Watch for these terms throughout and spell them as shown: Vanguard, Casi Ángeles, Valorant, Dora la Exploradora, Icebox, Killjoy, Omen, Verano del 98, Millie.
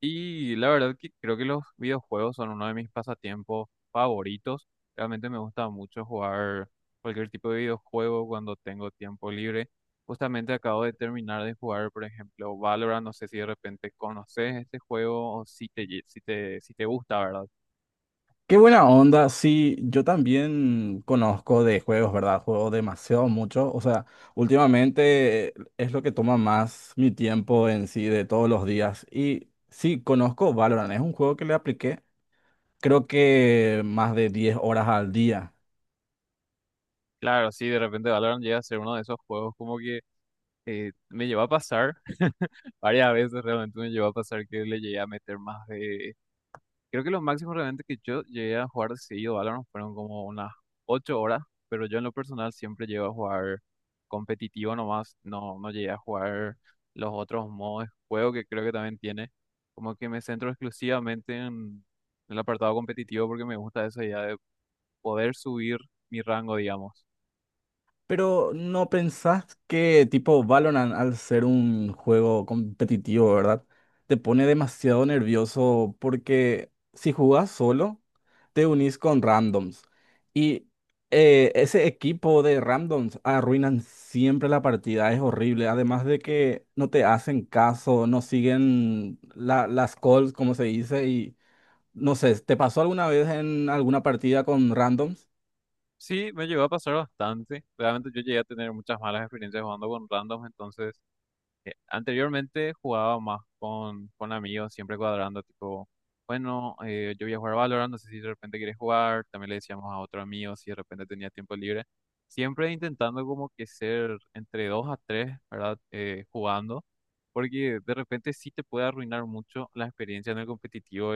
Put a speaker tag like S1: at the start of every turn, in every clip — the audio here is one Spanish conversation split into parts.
S1: Y la verdad que creo que los videojuegos son uno de mis pasatiempos favoritos. Realmente me gusta mucho jugar cualquier tipo de videojuego cuando tengo tiempo libre. Justamente acabo de terminar de jugar, por ejemplo, Valorant. No sé si de repente conoces este juego o si te, lle- si te, si te gusta, ¿verdad?
S2: Qué buena onda, sí, yo también conozco de juegos, ¿verdad? Juego demasiado mucho, o sea, últimamente es lo que toma más mi tiempo en sí de todos los días. Y sí, conozco Valorant, es un juego que le apliqué creo que más de 10 horas al día.
S1: Claro, sí, de repente Valorant llega a ser uno de esos juegos como que me llevó a pasar varias veces, realmente me llevó a pasar que le llegué a meter más de. Creo que lo máximo realmente que yo llegué a jugar seguido Valorant fueron como unas 8 horas, pero yo en lo personal siempre llego a jugar competitivo nomás, no, no llegué a jugar los otros modos de juego que creo que también tiene, como que me centro exclusivamente en el apartado competitivo porque me gusta esa idea de poder subir mi rango, digamos.
S2: Pero ¿no pensás que tipo Valorant al ser un juego competitivo, ¿verdad? Te pone demasiado nervioso porque si jugás solo, te unís con randoms. Y Ese equipo de randoms arruinan siempre la partida, es horrible. Además de que no te hacen caso, no siguen las calls, como se dice, y no sé, ¿te pasó alguna vez en alguna partida con randoms?
S1: Sí, me llegó a pasar bastante, realmente yo llegué a tener muchas malas experiencias jugando con randoms, entonces... Anteriormente jugaba más con amigos, siempre cuadrando, tipo, bueno, yo voy a jugar Valorant, no sé si de repente quieres jugar, también le decíamos a otro amigo si de repente tenía tiempo libre, siempre intentando como que ser entre dos a tres, ¿verdad? Jugando, porque de repente sí te puede arruinar mucho la experiencia en el competitivo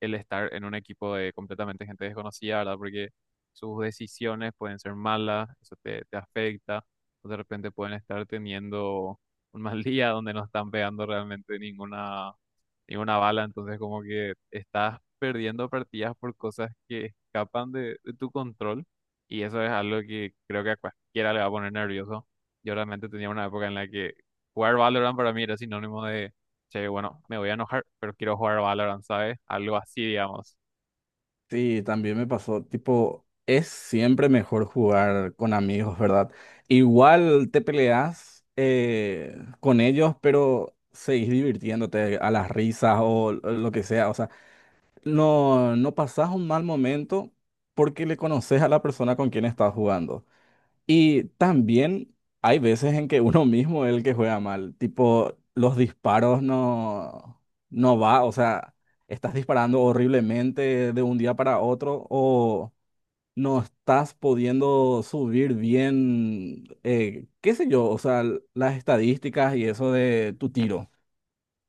S1: el estar en un equipo de completamente gente desconocida, ¿verdad? Porque sus decisiones pueden ser malas, eso te afecta, o de repente pueden estar teniendo un mal día donde no están pegando realmente ninguna y una bala, entonces como que estás perdiendo partidas por cosas que escapan de tu control y eso es algo que creo que a cualquiera le va a poner nervioso. Yo realmente tenía una época en la que jugar Valorant para mí era sinónimo de, che, bueno, me voy a enojar, pero quiero jugar Valorant, ¿sabes? Algo así, digamos.
S2: Sí, también me pasó, tipo, es siempre mejor jugar con amigos, ¿verdad? Igual te peleas con ellos, pero seguís divirtiéndote a las risas o lo que sea, o sea, no pasás un mal momento porque le conoces a la persona con quien estás jugando. Y también hay veces en que uno mismo es el que juega mal, tipo los disparos no, no va, o sea, estás disparando horriblemente de un día para otro o no estás pudiendo subir bien, qué sé yo, o sea, las estadísticas y eso de tu tiro.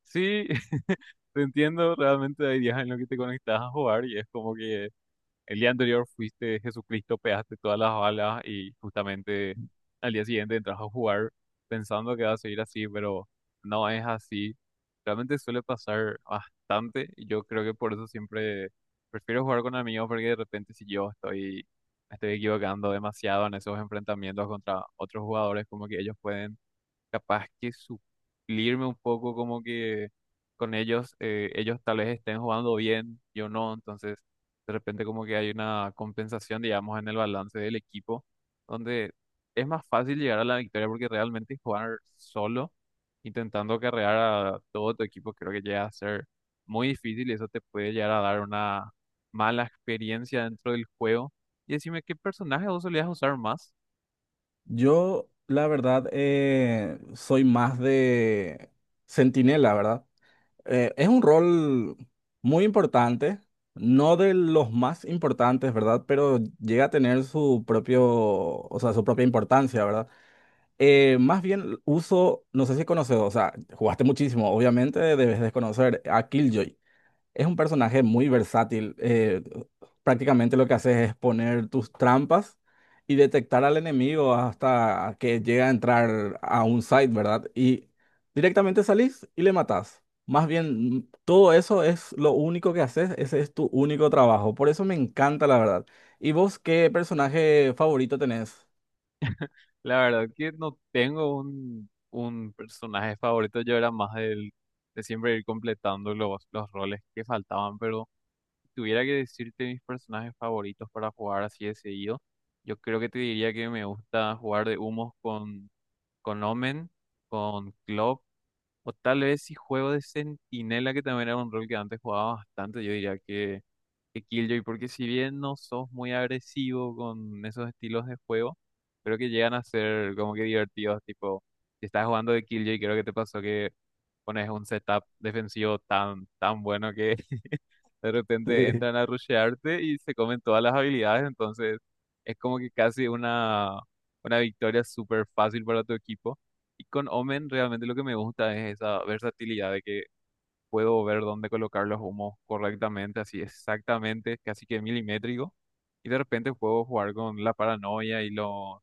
S1: Sí, te entiendo, realmente hay días en los que te conectas a jugar y es como que el día anterior fuiste Jesucristo, pegaste todas las balas y justamente al día siguiente entras a jugar pensando que va a seguir así, pero no es así. Realmente suele pasar bastante y yo creo que por eso siempre prefiero jugar con amigos porque de repente si yo estoy, me estoy equivocando demasiado en esos enfrentamientos contra otros jugadores, como que ellos pueden capaz que suplirme un poco como que con ellos, ellos tal vez estén jugando bien, yo no, entonces de repente como que hay una compensación, digamos, en el balance del equipo, donde es más fácil llegar a la victoria porque realmente jugar solo, intentando carrear a todo tu equipo, creo que llega a ser muy difícil y eso te puede llegar a dar una mala experiencia dentro del juego. Y decime, ¿qué personaje vos solías usar más?
S2: Yo, la verdad, soy más de centinela, ¿verdad? Es un rol muy importante, no de los más importantes, ¿verdad? Pero llega a tener su propio, o sea, su propia importancia, ¿verdad? Más bien uso, no sé si conoces, o sea, jugaste muchísimo, obviamente debes desconocer a Killjoy. Es un personaje muy versátil. Prácticamente lo que haces es poner tus trampas y detectar al enemigo hasta que llega a entrar a un site, ¿verdad? Y directamente salís y le matás. Más bien, todo eso es lo único que haces, ese es tu único trabajo. Por eso me encanta, la verdad. ¿Y vos qué personaje favorito tenés?
S1: La verdad que no tengo un personaje favorito, yo era más de siempre ir completando los roles que faltaban, pero si tuviera que decirte mis personajes favoritos para jugar así de seguido, yo creo que te diría que me gusta jugar de humos con Omen, con Club o tal vez si juego de centinela, que también era un rol que antes jugaba bastante, yo diría que Killjoy, porque si bien no sos muy agresivo con esos estilos de juego, creo que llegan a ser como que divertidos, tipo, si estás jugando de Killjoy, creo que te pasó que pones un setup defensivo tan, tan bueno que de repente
S2: Sí.
S1: entran a rushearte y se comen todas las habilidades, entonces es como que casi una victoria súper fácil para tu equipo. Y con Omen realmente lo que me gusta es esa versatilidad de que puedo ver dónde colocar los humos correctamente, así exactamente, casi que milimétrico. Y de repente puedo jugar con la paranoia y los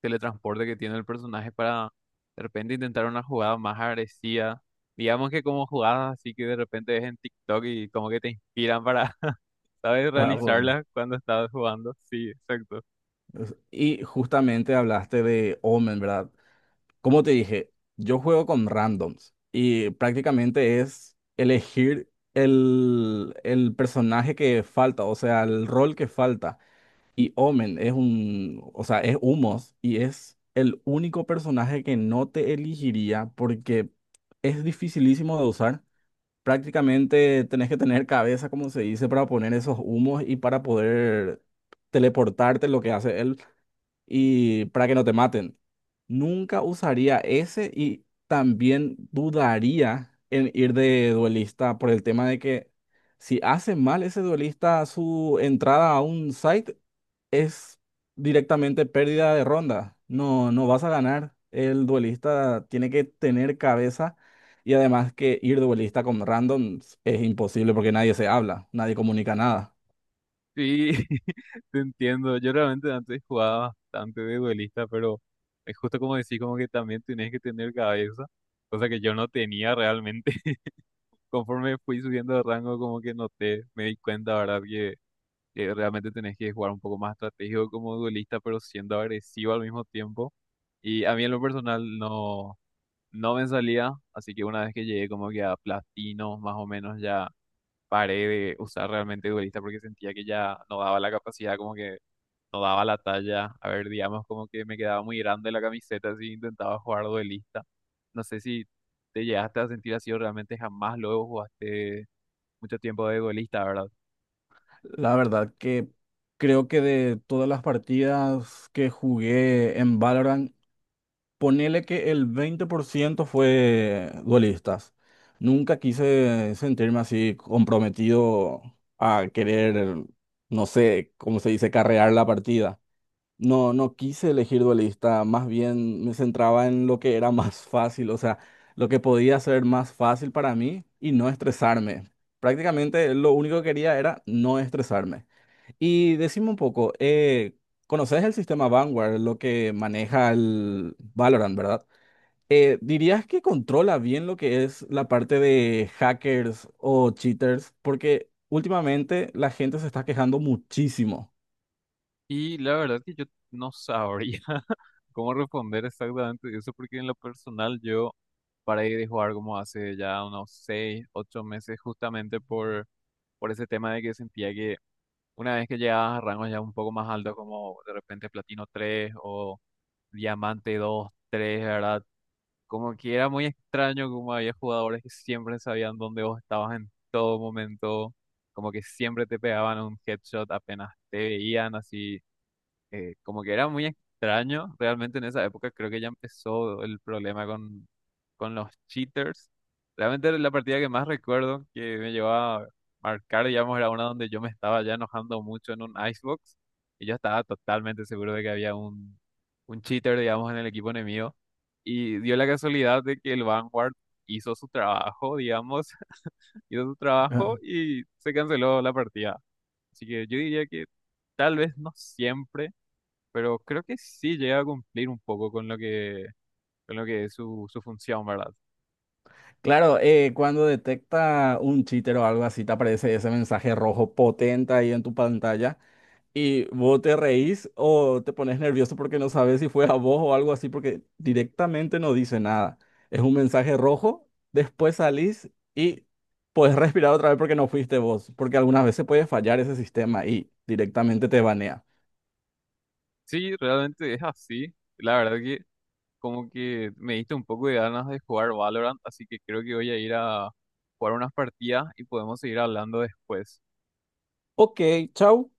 S1: teletransportes que tiene el personaje para de repente intentar una jugada más agresiva. Digamos que como jugadas así que de repente ves en TikTok y como que te inspiran para, ¿sabes?
S2: Para, po-
S1: Realizarlas cuando estás jugando. Sí, exacto.
S2: y justamente hablaste de Omen, ¿verdad? Como te dije, yo juego con randoms y prácticamente es elegir el personaje que falta, o sea, el rol que falta. Y Omen es un, o sea, es Humos y es el único personaje que no te elegiría porque es dificilísimo de usar. Prácticamente tenés que tener cabeza, como se dice, para poner esos humos y para poder teleportarte, lo que hace él y para que no te maten. Nunca usaría ese y también dudaría en ir de duelista por el tema de que si hace mal ese duelista su entrada a un site es directamente pérdida de ronda. No, no vas a ganar. El duelista tiene que tener cabeza y además que ir duelista con randoms es imposible porque nadie se habla, nadie comunica nada.
S1: Sí, te entiendo. Yo realmente antes jugaba bastante de duelista, pero es justo como decís, como que también tenés que tener cabeza, cosa que yo no tenía realmente. Conforme fui subiendo de rango, como que noté, me di cuenta, ¿verdad? Que realmente tenés que jugar un poco más estratégico como duelista, pero siendo agresivo al mismo tiempo. Y a mí en lo personal no, no me salía, así que una vez que llegué como que a platino, más o menos ya paré de usar realmente duelista porque sentía que ya no daba la capacidad como que no daba la talla. A ver, digamos como que me quedaba muy grande la camiseta si intentaba jugar duelista. No sé si te llegaste a sentir así o realmente jamás luego jugaste mucho tiempo de duelista, ¿verdad?
S2: La verdad que creo que de todas las partidas que jugué en Valorant, ponele que el 20% fue duelistas. Nunca quise sentirme así comprometido a querer, no sé, cómo se dice, carrear la partida. No quise elegir duelista, más bien me centraba en lo que era más fácil, o sea, lo que podía ser más fácil para mí y no estresarme. Prácticamente lo único que quería era no estresarme. Y decime un poco, conoces el sistema Vanguard, lo que maneja el Valorant, ¿verdad? ¿Dirías que controla bien lo que es la parte de hackers o cheaters? Porque últimamente la gente se está quejando muchísimo.
S1: Y la verdad es que yo no sabría cómo responder exactamente eso porque en lo personal yo paré de jugar como hace ya unos 6 8 meses justamente por ese tema de que sentía que una vez que llegabas a rangos ya un poco más altos, como de repente platino 3 o diamante 2, 3, ¿verdad? Como que era muy extraño como había jugadores que siempre sabían dónde vos estabas en todo momento, como que siempre te pegaban un headshot apenas te veían, así como que era muy extraño, realmente en esa época creo que ya empezó el problema con los cheaters. Realmente la partida que más recuerdo que me llevó a marcar, digamos, era una donde yo me estaba ya enojando mucho en un Icebox y yo estaba totalmente seguro de que había un cheater, digamos, en el equipo enemigo. Y dio la casualidad de que el Vanguard hizo su trabajo, digamos, hizo su
S2: Ah.
S1: trabajo y se canceló la partida. Así que yo diría que tal vez no siempre, pero creo que sí llega a cumplir un poco con lo que es su función, ¿verdad?
S2: Claro, cuando detecta un cheater o algo así, te aparece ese mensaje rojo potente ahí en tu pantalla. Y vos te reís o te pones nervioso porque no sabes si fue a vos o algo así, porque directamente no dice nada. Es un mensaje rojo, después salís y puedes respirar otra vez porque no fuiste vos, porque algunas veces puede fallar ese sistema y directamente te banea.
S1: Sí, realmente es así. La verdad que como que me diste un poco de ganas de jugar Valorant, así que creo que voy a ir a jugar unas partidas y podemos seguir hablando después.
S2: Ok, chau.